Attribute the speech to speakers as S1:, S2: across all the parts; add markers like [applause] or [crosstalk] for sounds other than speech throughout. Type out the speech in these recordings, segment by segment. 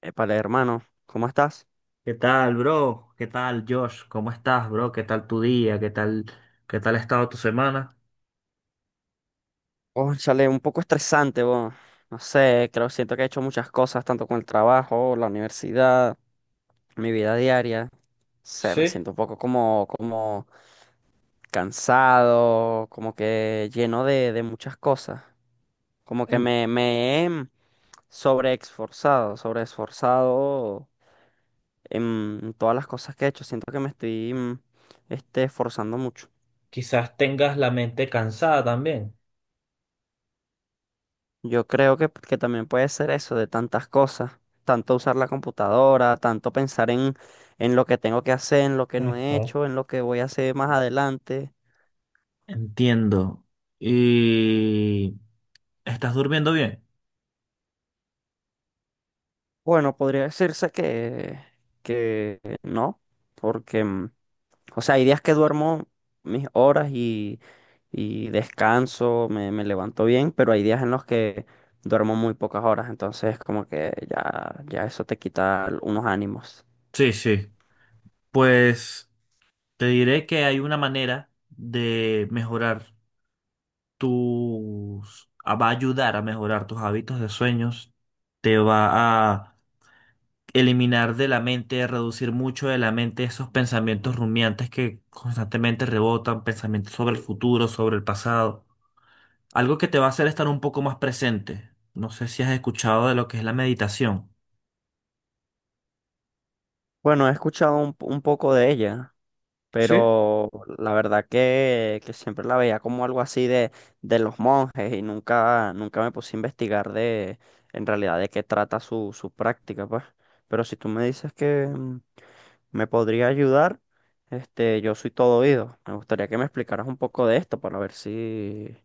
S1: Épale, hermano, ¿cómo estás?
S2: ¿Qué tal, bro? ¿Qué tal, Josh? ¿Cómo estás, bro? ¿Qué tal tu día? ¿Qué tal ha estado tu semana?
S1: Oh, chale, un poco estresante, bo. No sé, creo, siento que he hecho muchas cosas, tanto con el trabajo, la universidad, mi vida diaria. No sé, me siento un poco como, como cansado, como que lleno de muchas cosas. Como que
S2: En-
S1: me he sobreexforzado, sobreesforzado en todas las cosas que he hecho. Siento que me estoy, esforzando mucho.
S2: Quizás tengas la mente cansada también.
S1: Yo creo que también puede ser eso de tantas cosas, tanto usar la computadora, tanto pensar en lo que tengo que hacer, en lo que no he
S2: Ujú.
S1: hecho, en lo que voy a hacer más adelante.
S2: Entiendo. ¿Y estás durmiendo bien?
S1: Bueno, podría decirse que no, porque, o sea, hay días que duermo mis horas y descanso, me levanto bien, pero hay días en los que duermo muy pocas horas, entonces como que ya, ya eso te quita unos ánimos.
S2: Sí, sí. Pues te diré que hay una manera de mejorar tus ah, va a ayudar a mejorar tus hábitos de sueños. Te va a eliminar de la mente, reducir mucho de la mente esos pensamientos rumiantes que constantemente rebotan, pensamientos sobre el futuro, sobre el pasado. Algo que te va a hacer estar un poco más presente. No sé si has escuchado de lo que es la meditación.
S1: Bueno, he escuchado un poco de ella,
S2: Sí,
S1: pero la verdad que siempre la veía como algo así de los monjes y nunca, nunca me puse a investigar de en realidad de qué trata su práctica, pues. Pero si tú me dices que me podría ayudar, este, yo soy todo oído. Me gustaría que me explicaras un poco de esto para ver si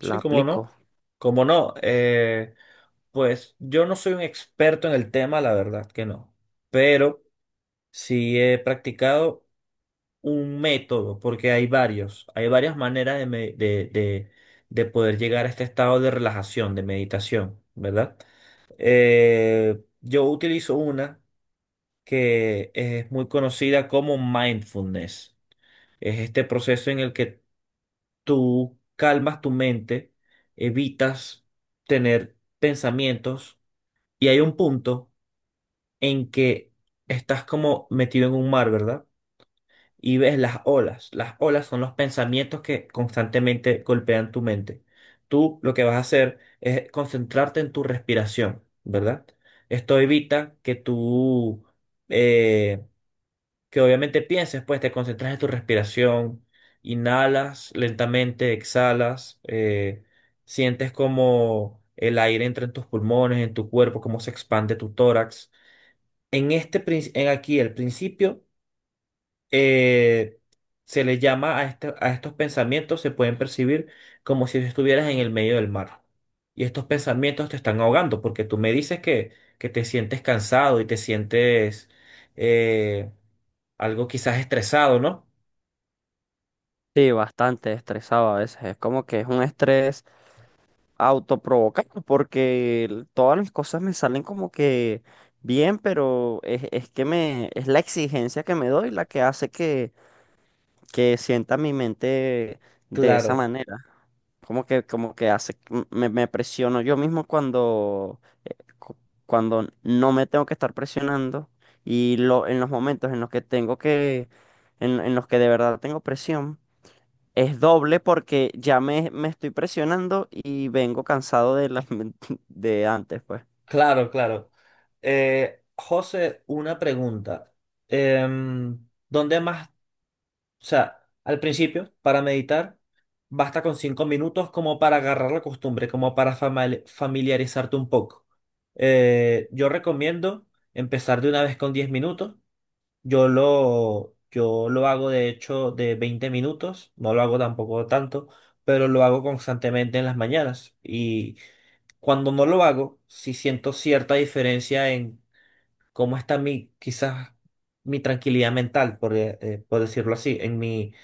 S1: la
S2: sí, cómo
S1: aplico.
S2: no. Cómo no. Pues yo no soy un experto en el tema, la verdad que no. Pero sí he practicado un método, porque hay varios, hay varias maneras de, me- de poder llegar a este estado de relajación, de meditación, ¿verdad? Yo utilizo una que es muy conocida como mindfulness. Es este proceso en el que tú calmas tu mente, evitas tener pensamientos y hay un punto en que estás como metido en un mar, ¿verdad? Y ves las olas. Las olas son los pensamientos que constantemente golpean tu mente. Tú lo que vas a hacer es concentrarte en tu respiración, ¿verdad? Esto evita que eh, que obviamente pienses, pues te concentras en tu respiración, inhalas lentamente, exhalas, sientes como el aire entra en tus pulmones, en tu cuerpo, cómo se expande tu tórax. En aquí, el principio eh, se le llama a estos pensamientos, se pueden percibir como si estuvieras en el medio del mar. Y estos pensamientos te están ahogando, porque tú me dices que te sientes cansado y te sientes eh, algo quizás estresado, ¿no?
S1: Sí, bastante estresado a veces. Es como que es un estrés autoprovocado porque todas las cosas me salen como que bien, pero es que es la exigencia que me doy la que hace que sienta mi mente de esa
S2: Claro,
S1: manera. Como que hace, me presiono yo mismo cuando, cu- cuando no me tengo que estar presionando y lo, en los momentos en los que tengo que, en los que de verdad tengo presión. Es doble porque ya me estoy presionando y vengo cansado de las [laughs] de antes, pues.
S2: claro, claro. José, una pregunta. ¿Dónde más? O sea, al principio, para meditar, basta con 5 minutos como para agarrar la costumbre, como para familiarizarte un poco. Yo recomiendo empezar de una vez con 10 minutos. Yo lo hago de hecho de 20 minutos, no lo hago tampoco tanto, pero lo hago constantemente en las mañanas. Y cuando no lo hago, sí siento cierta diferencia en cómo está mi, quizás mi tranquilidad mental, por decirlo así, en mi,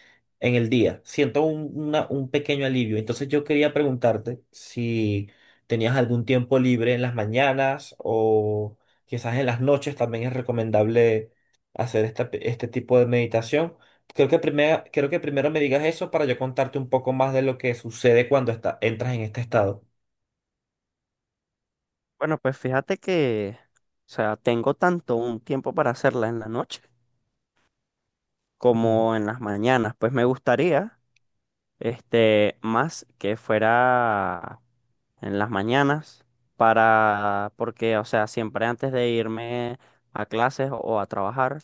S2: en el día. Siento un pequeño alivio. Entonces yo quería preguntarte si tenías algún tiempo libre en las mañanas o quizás en las noches también es recomendable hacer este tipo de meditación. Creo que primero me digas eso para yo contarte un poco más de lo que sucede cuando entras en este estado.
S1: Bueno, pues fíjate que, o sea, tengo tanto un tiempo para hacerla en la noche
S2: Ujú.
S1: como en las mañanas. Pues me gustaría, este, más que fuera en las mañanas para, porque, o sea, siempre antes de irme a clases o a trabajar,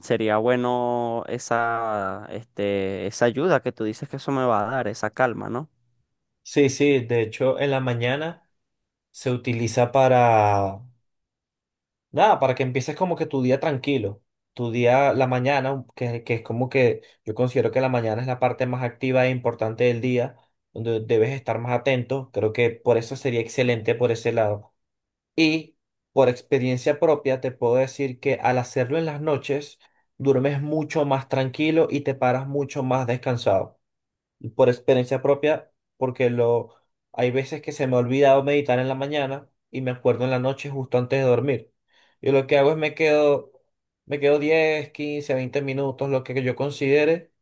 S1: sería bueno esa, este, esa ayuda que tú dices que eso me va a dar, esa calma, ¿no?
S2: Sí, sí, de hecho en la mañana se utiliza para nada, para que empieces como que tu día tranquilo, tu día, la mañana, que es como que yo considero que la mañana es la parte más activa e importante del día, donde debes estar más atento, creo que por eso sería excelente por ese lado. Y por experiencia propia te puedo decir que al hacerlo en las noches, duermes mucho más tranquilo y te paras mucho más descansado por experiencia propia, porque lo, hay veces que se me ha olvidado meditar en la mañana y me acuerdo en la noche justo antes de dormir. Y lo que hago es me quedo 10, 15, 20 minutos, lo que yo considere,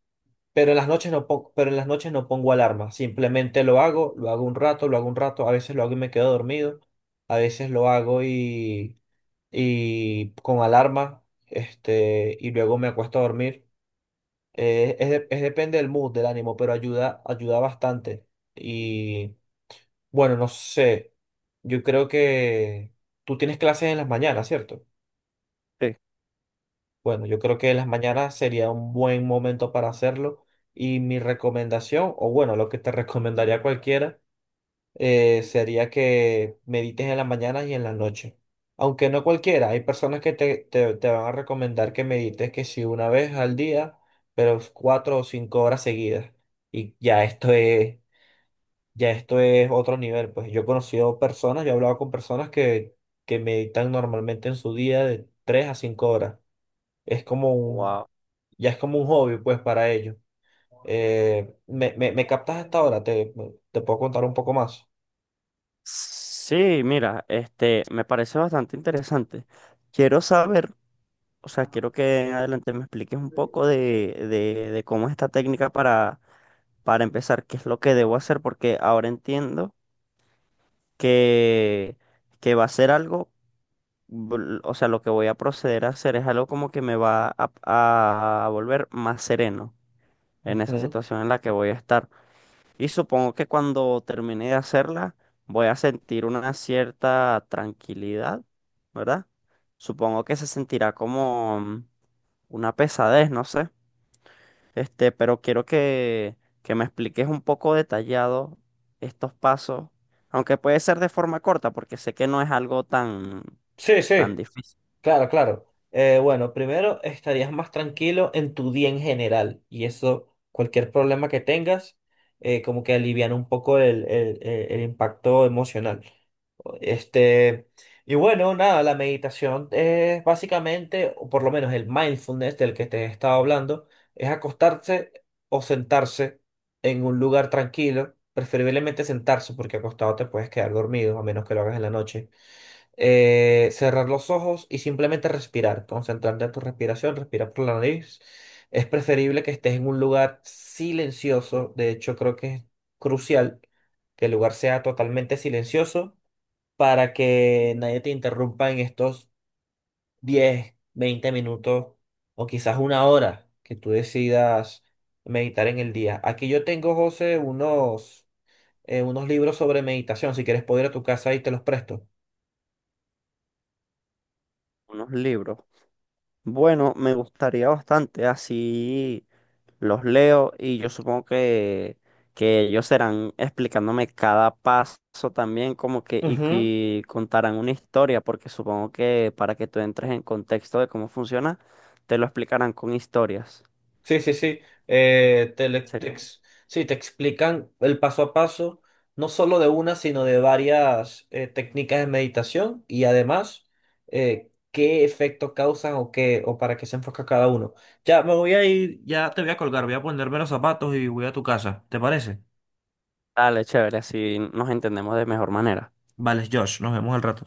S2: pero en las noches no pongo, pero en las noches no pongo alarma, simplemente lo hago, lo hago un rato, a veces lo hago y me quedo dormido, a veces lo hago y con alarma, y luego me acuesto a dormir. Es depende del mood, del ánimo, pero ayuda, ayuda bastante. Y bueno, no sé. Yo creo que tú tienes clases en las mañanas, ¿cierto?
S1: Sí.
S2: Bueno, yo creo que en las mañanas sería un buen momento para hacerlo. Y mi recomendación, o bueno, lo que te [laughs] recomendaría a cualquiera. Sería que medites en las mañanas y en las noches. Aunque no cualquiera, hay personas que te van a recomendar que medites que si una vez al día, pero 4 o 5 horas seguidas. Y ya esto es otro nivel. Pues yo he conocido personas, yo he hablado con personas que meditan normalmente en su día de 3 a 5 horas. Es como un,
S1: Wow.
S2: ya es como un hobby, pues, para ellos. Me captas hasta ahora, te puedo contar un poco más.
S1: Sí, mira, este, me parece bastante interesante. Quiero saber, o sea, quiero que en adelante me expliques un poco de cómo es esta técnica para empezar, qué es lo que debo hacer, porque ahora entiendo que, que va a ser algo, o sea, lo que voy a proceder a hacer es algo como que me va a volver más sereno en esa
S2: Ujú.
S1: situación en la que voy a estar. Y supongo que cuando termine de hacerla, voy a sentir una cierta tranquilidad, ¿verdad? Supongo que se sentirá como una pesadez, no sé. Este, pero quiero que me expliques un poco detallado estos pasos, aunque puede ser de forma corta, porque sé que no es algo tan,
S2: Sí, sí.
S1: tan difícil.
S2: Claro, claro. Bueno, primero estarías más tranquilo en tu día en general y eso, cualquier problema que tengas, como que alivian un poco el impacto emocional. Este, y bueno, nada, la meditación es básicamente, o por lo menos el mindfulness del que te he estado hablando, es acostarse o sentarse en un lugar tranquilo, preferiblemente sentarse porque acostado te puedes quedar dormido, a menos que lo hagas en la noche. Cerrar los ojos y simplemente respirar, concentrarte en tu respiración, respirar por la nariz. Es preferible que estés en un lugar silencioso, de hecho creo que es crucial que el lugar sea totalmente silencioso para que nadie te interrumpa en estos 10, 20 minutos o quizás una hora que tú decidas meditar en el día. Aquí yo tengo, José, unos libros sobre meditación, si quieres puedo ir a tu casa y te los presto.
S1: Unos libros. Bueno, me gustaría bastante, así los leo y yo supongo que ellos serán explicándome cada paso también, como que
S2: Ujú.
S1: y contarán una historia, porque supongo que para que tú entres en contexto de cómo funciona, te lo explicarán con historias.
S2: Sí, sí, sí. Te, le- te
S1: Sería,
S2: ex- sí, te explican el paso a paso, no solo de una, sino de varias técnicas de meditación y además qué efecto causan o qué, o para qué se enfoca cada uno. Ya me voy a ir, ya te voy a colgar, voy a ponerme los zapatos y voy a tu casa. ¿Te parece?
S1: dale, chévere, así nos entendemos de mejor manera.
S2: Vale, Josh, nos vemos al rato.